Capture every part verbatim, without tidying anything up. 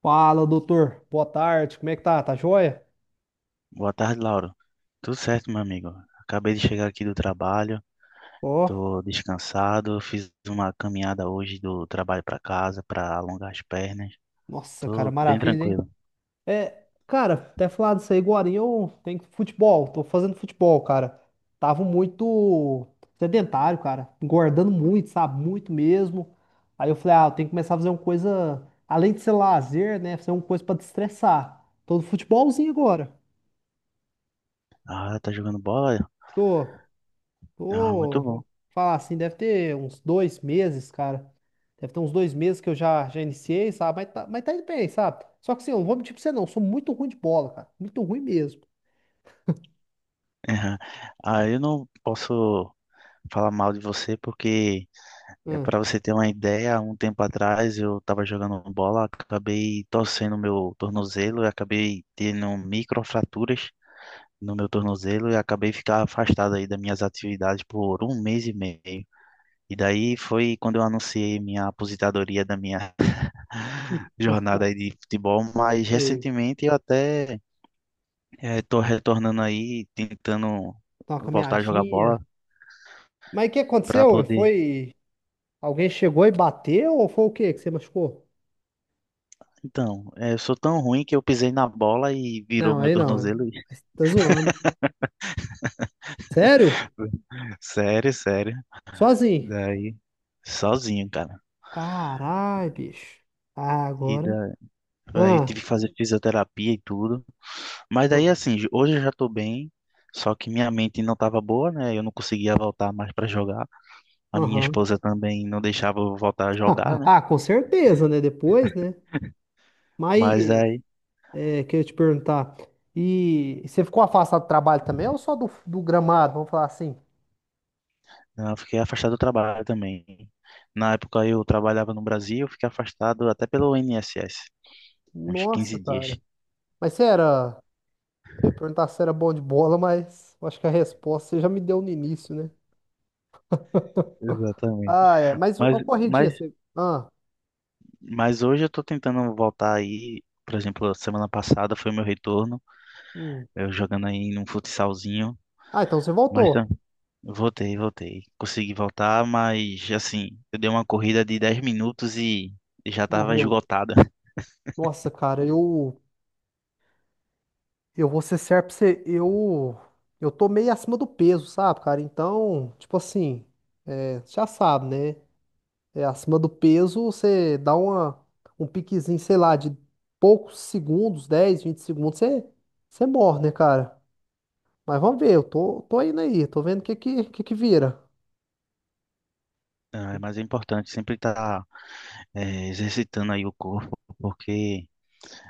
Fala, doutor. Boa tarde. Como é que tá? Tá joia? Boa tarde, Lauro. Tudo certo, meu amigo? Acabei de chegar aqui do trabalho, Ó, tô descansado, fiz uma caminhada hoje do trabalho para casa para alongar as pernas. nossa, cara, Tô bem maravilha, hein? tranquilo. É, cara, até falar disso aí agora, eu tenho futebol, tô fazendo futebol, cara. Tava muito sedentário, cara, engordando muito, sabe? Muito mesmo. Aí eu falei, ah, eu tenho que começar a fazer uma coisa, além de ser lazer, né? Fazer uma coisa pra destressar. Tô no futebolzinho agora. Ah, tá jogando bola? Tô. Ah, Pô, muito vou bom. falar assim, deve ter uns dois meses, cara. Deve ter uns dois meses que eu já, já iniciei, sabe? Mas tá, mas tá indo bem, sabe? Só que assim, eu não vou mentir pra você não, eu sou muito ruim de bola, cara. Muito ruim mesmo. Ah, eu não posso falar mal de você porque é Hum, para você ter uma ideia, um tempo atrás eu estava jogando bola, acabei torcendo meu tornozelo e acabei tendo microfraturas no meu tornozelo e acabei ficar afastado aí das minhas atividades por um mês e meio. E daí foi quando eu anunciei minha aposentadoria da minha jornada aí de futebol, mas sei. recentemente eu até estou retornando aí, tentando Tá uma voltar a jogar bola caminhadinha. Mas o que para aconteceu? Ué? poder. Foi. Alguém chegou e bateu ou foi o quê que você machucou? Então, eh, eu sou tão ruim que eu pisei na bola e virou Não, meu aí não. é- tornozelo. Você tá zoando. Sério? Sério, sério. Sozinho? Daí, sozinho, cara. Caralho, bicho. Ah, E agora. da- Daí tive Ah, que fazer fisioterapia e tudo. Mas daí ah, assim, j- hoje eu já tô bem, só que minha mente não tava boa, né? Eu não conseguia voltar mais pra jogar. A minha aham. esposa também não deixava eu voltar a jogar, né? Ah, com certeza, né? Depois, né? Mas Mas aí é, queria te perguntar, e você ficou afastado do trabalho também ou só do, do gramado? Vamos falar assim. não, eu fiquei afastado do trabalho também. Na época eu trabalhava no Brasil, eu fiquei afastado até pelo INSS, uns Nossa, quinze dias. cara. Mas você era. Eu ia perguntar se era bom de bola, mas eu acho que a resposta você já me deu no início, né? Exatamente. Ah, é. Mas Mas, uma corridinha, mas, você. Ah, mas hoje eu tô tentando voltar aí, por exemplo, semana passada foi meu retorno, hum. eu jogando aí num futsalzinho, Ah, então você mas voltou. voltei, voltei. Consegui voltar, mas assim, eu dei uma corrida de dez minutos e já estava Morreu. esgotada. Nossa, cara, eu. Eu vou ser certo pra você. Eu. Eu tô meio acima do peso, sabe, cara? Então, tipo assim, é, já sabe, né? É, acima do peso, você dá uma, um piquezinho, sei lá, de poucos segundos, dez vinte segundos, você, você morre, né, cara? Mas vamos ver, eu tô, tô indo aí, tô vendo o que que, que que vira. Ah, mas é importante sempre estar exercitando aí o corpo, porque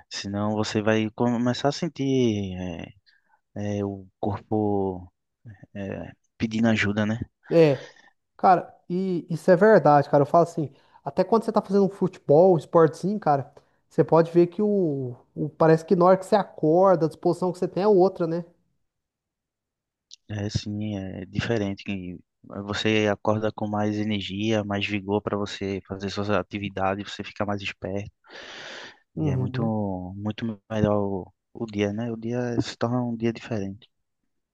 senão você vai começar a sentir eh, eh, o corpo eh, pedindo ajuda, né? É, cara, e isso é verdade, cara. Eu falo assim, até quando você tá fazendo um futebol, um esportezinho, cara, você pode ver que o, o- parece que na hora que você acorda, a disposição que você tem é outra, né? É assim, é diferente. Que Você acorda com mais energia, mais vigor para você fazer suas atividades, você fica mais esperto. E é muito, Uhum. muito melhor o, o dia, né? O dia se torna um dia diferente.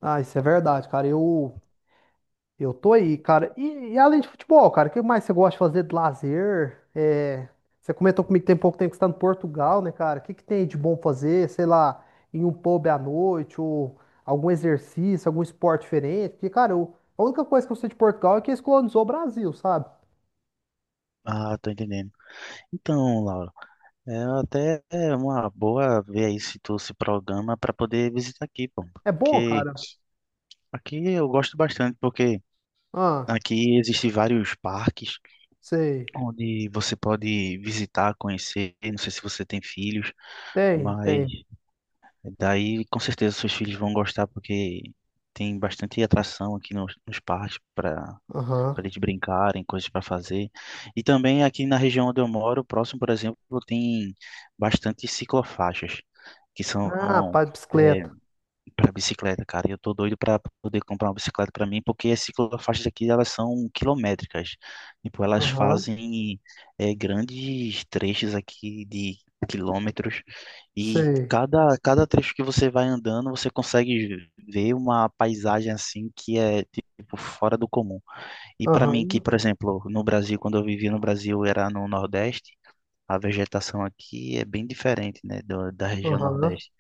Ah, isso é verdade, cara. Eu Eu tô aí, cara. E, e além de futebol, cara, o que mais você gosta de fazer de lazer? É, você comentou comigo que tem pouco tempo que você tá em Portugal, né, cara? O que que tem aí de bom fazer? Sei lá, em um pub à noite ou algum exercício, algum esporte diferente? Porque, cara, eu- a única coisa que eu sei de Portugal é que eles colonizou o Brasil, sabe? Ah, tô entendendo. Então, Laura, é até uma boa ver aí se tu se programa para poder visitar aqui, pô. É bom, Porque cara? aqui eu gosto bastante, porque Ah, aqui existem vários parques sei. onde você pode visitar, conhecer. Não sei se você tem filhos, Tem, mas tem. daí com certeza seus filhos vão gostar, porque tem bastante atração aqui nos, nos parques para Aham. para eles brincarem, coisas para fazer. E também aqui na região onde eu moro, próximo, por exemplo, tem bastante ciclofaixas, que Ah, são pá, de é, bicicleta. para bicicleta, cara. E eu tô doido para poder comprar uma bicicleta para mim, porque as ciclofaixas aqui elas são quilométricas. Tipo, elas Aham, fazem é, grandes trechos aqui de quilômetros e sei. cada cada trecho que você vai andando, você consegue ver uma paisagem assim que é tipo fora do comum. E para mim, Aham, que, por exemplo, no Brasil, quando eu vivia no Brasil, era no Nordeste, a vegetação aqui é bem diferente, né, do- da região aham, Nordeste.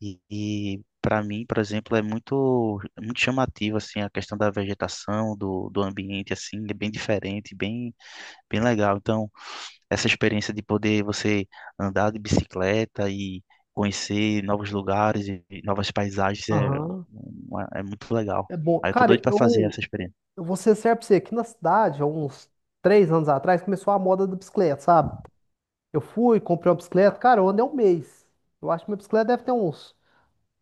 E, e para mim, por exemplo, é muito, muito chamativo, assim, a questão da vegetação, do, do ambiente, assim, é bem diferente, bem, bem legal. Então, essa experiência de poder você andar de bicicleta e conhecer novos lugares e e novas paisagens é, aham. uma- é muito legal. É bom. Aí eu tô Cara, doido para fazer eu, essa experiência. Eu vou ser sincero pra você, aqui na cidade, há uns três anos atrás, começou a moda da bicicleta, sabe? Eu fui, comprei uma bicicleta, cara, eu andei um mês. Eu acho que minha bicicleta deve ter uns,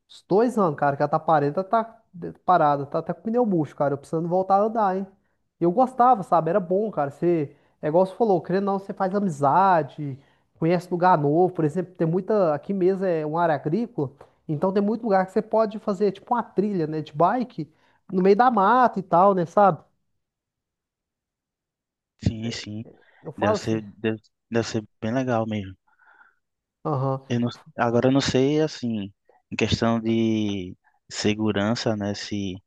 uns dois anos, cara, que ela tá parada, tá de- parada, tá até com pneu murcho, cara, eu precisando voltar a andar, hein? E Eu gostava, sabe? Era bom, cara, você, é igual você falou, querendo ou não, você faz amizade, conhece lugar novo, por exemplo, tem muita, aqui mesmo é uma área agrícola, então tem muito lugar que você pode fazer, tipo, uma trilha, né, de bike, no meio da mata e tal, né, sabe? Sim, sim. Eu Deve falo ser, assim. deve, deve ser bem legal mesmo. Aham. Eu não, agora eu não sei, assim, em questão de segurança, né? Se,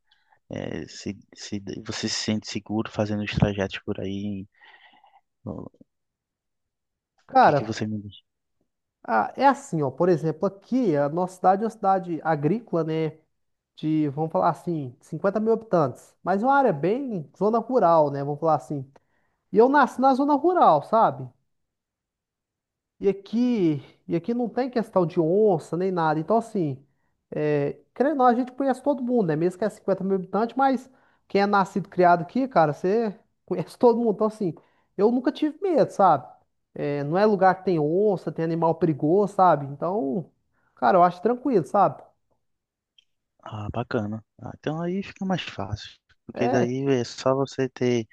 eh, se, se você se sente seguro fazendo os trajetos por aí. O que que Cara, você me diz? ah, é assim, ó. Por exemplo, aqui, a nossa cidade é uma cidade agrícola, né? De, vamos falar assim, cinquenta mil habitantes. Mas é uma área bem zona rural, né? Vamos falar assim. E eu nasci na zona rural, sabe? E aqui, e aqui não tem questão de onça nem nada. Então, assim, é, querendo ou não, a gente conhece todo mundo, né? Mesmo que é cinquenta mil habitantes, mas quem é nascido e criado aqui, cara, você conhece todo mundo. Então, assim, eu nunca tive medo, sabe? É, não é lugar que tem onça, tem animal perigoso, sabe? Então, cara, eu acho tranquilo, sabe? Ah, bacana. Ah, então aí fica mais fácil. Porque É, daí é só você ter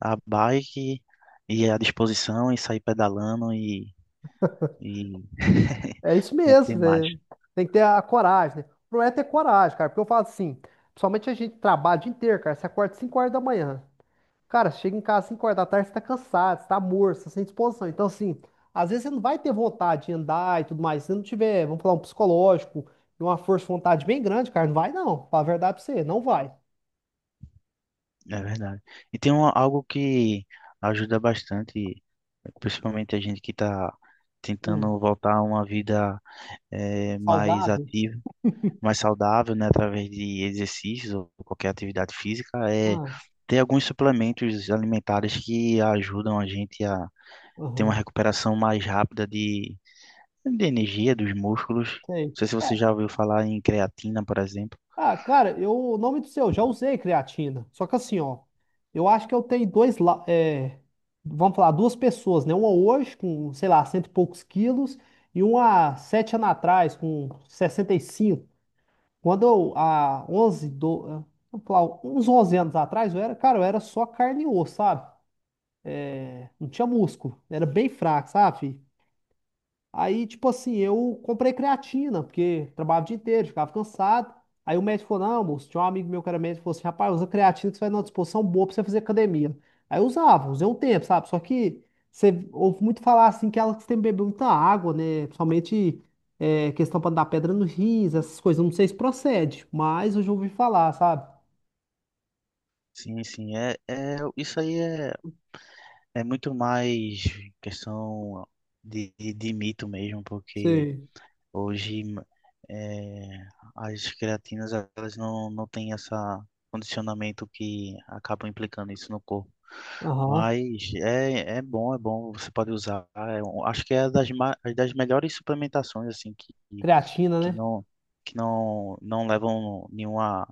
a bike e à disposição e sair pedalando e, e, é isso e ter mesmo, mais. né? Tem que ter a coragem, né? O problema é ter coragem, cara, porque eu falo assim, principalmente a gente trabalha o dia inteiro, cara, você acorda cinco horas da manhã. Cara, chega em casa às cinco horas da tarde, você tá cansado, você tá morto, você tá sem disposição. Então, assim, às vezes você não vai ter vontade de andar e tudo mais. Se você não tiver, vamos falar, um psicológico e uma força de vontade bem grande, cara, não vai não. Fala a verdade pra você, não vai. É verdade. E tem um, algo que ajuda bastante, principalmente a gente que está Hum, tentando voltar a uma vida eh, mais saudável? ativa, mais saudável, né, através de exercícios ou qualquer atividade física, é Ah, ter alguns suplementos alimentares que ajudam a gente a ter uma aham, recuperação mais rápida de, de energia dos músculos. Não sei. sei se você É, já ouviu falar em creatina, por exemplo. ah, cara, eu, o nome do seu, já usei creatina. Só que assim, ó, eu acho que eu tenho dois, la- é, vamos falar, duas pessoas, né? Uma hoje com, sei lá, cento e poucos quilos e uma sete anos atrás com sessenta e cinco. Quando eu, há onze do, ah, vamos falar, uns onze anos atrás, eu era, cara, eu era só carne e osso, sabe? Não tinha músculo, era bem fraco, sabe? Filho? Aí, tipo assim, eu comprei creatina, porque trabalhava o dia inteiro, ficava cansado. Aí o médico falou, não, moço, tinha um amigo meu que era médico, falou assim, rapaz, usa creatina que você vai numa disposição boa pra você fazer academia. Aí eu usava, usei um tempo, sabe? Só que você ouve muito falar, assim, que ela tem que beber muita água, né? Principalmente é, questão pra não dar pedra no rins, essas coisas. Eu Não sei se procede, mas eu já ouvi falar, sabe? Sim, sim, é, é isso aí é. É muito mais questão de, de, de mito mesmo, porque Sei. hoje é, as creatinas elas não, não têm esse condicionamento que acabam implicando isso no corpo. Aham. Mas é, é bom, é bom, você pode usar. É um- acho que é das, ma- é das melhores suplementações assim que, que Creatina, que né? não, que não, não levam nenhuma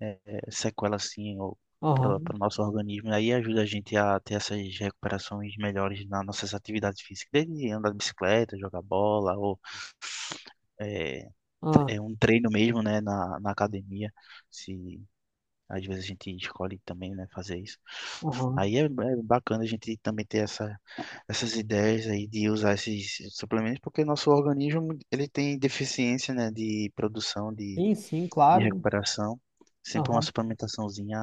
é, sequela assim ou para Aham. o nosso organismo. Aí ajuda a gente a ter essas recuperações melhores nas nossas atividades físicas, desde andar de bicicleta, jogar bola ou é, tre- Aham. é um treino mesmo, né, na, na academia. Se às vezes a gente escolhe também, né, fazer isso. Aham. Aí é, é bacana a gente também ter essa, essas ideias aí de usar esses suplementos, porque nosso organismo ele tem deficiência, né, de produção de Sim, sim, de claro, né? recuperação. Sempre uma Aham. suplementaçãozinha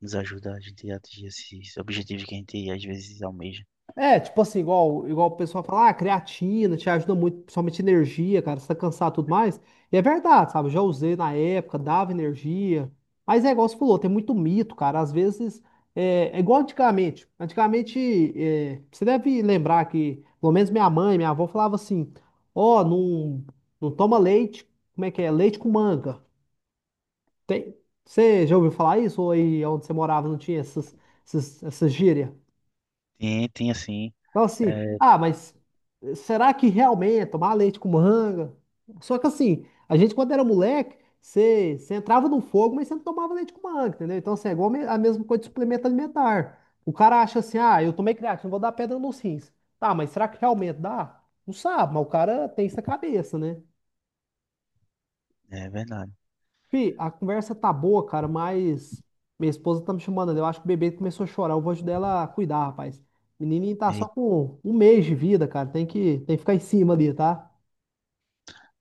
nos ajuda a gente a atingir esses objetivos que a gente às vezes almeja. É, tipo assim, igual, igual o pessoal fala, ah, creatina te ajuda muito, principalmente energia, cara, você tá cansado e tudo mais. E é verdade, sabe? Eu Já usei na época, dava energia. Mas é igual você falou, tem muito mito, cara. Às vezes, é, é igual antigamente. Antigamente, é, você deve lembrar que, pelo menos minha mãe, minha avó falava assim: ó, não, não toma leite, como é que é? Leite com manga. Você já ouviu falar isso? Ou aí onde você morava não tinha essas, essas, essas gírias? Tem, tem assim, Então, assim, é, ah, mas será que realmente é tomar leite com manga? Só que, assim, a gente, quando era moleque, você você entrava no fogo, mas você não tomava leite com manga, entendeu? Então, assim, é igual me- a mesma coisa de suplemento alimentar. O cara acha assim, ah, eu tomei creatina, vou dar pedra nos rins. Tá, mas será que realmente dá? Não sabe, mas o cara tem isso na cabeça, né? é verdade. Fih, a conversa tá boa, cara, mas minha esposa tá me chamando ali. Eu acho que o bebê começou a chorar. Eu vou ajudar ela a cuidar, rapaz. O menininho tá só E- com um mês de vida, cara. Tem que, tem que ficar em cima ali, tá?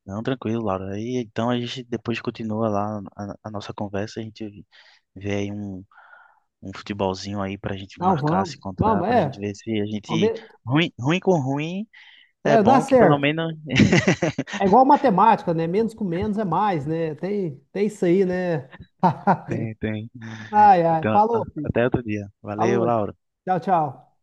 não, tranquilo, Laura. E então a gente depois continua lá a, a nossa conversa, a gente vê aí um, um futebolzinho aí pra gente Não, marcar, se vamos. encontrar, Vamos, pra gente é. ver se a Vamos gente. ver. Ruim, ruim com ruim é É, dá bom que pelo certo. menos. É igual matemática, né? Menos com menos é mais, né? Tem, tem isso aí, né? Tem, tem. Ai, ai. Então, Falou, filho. até outro dia. Valeu, Falou. Laura. Tchau, tchau.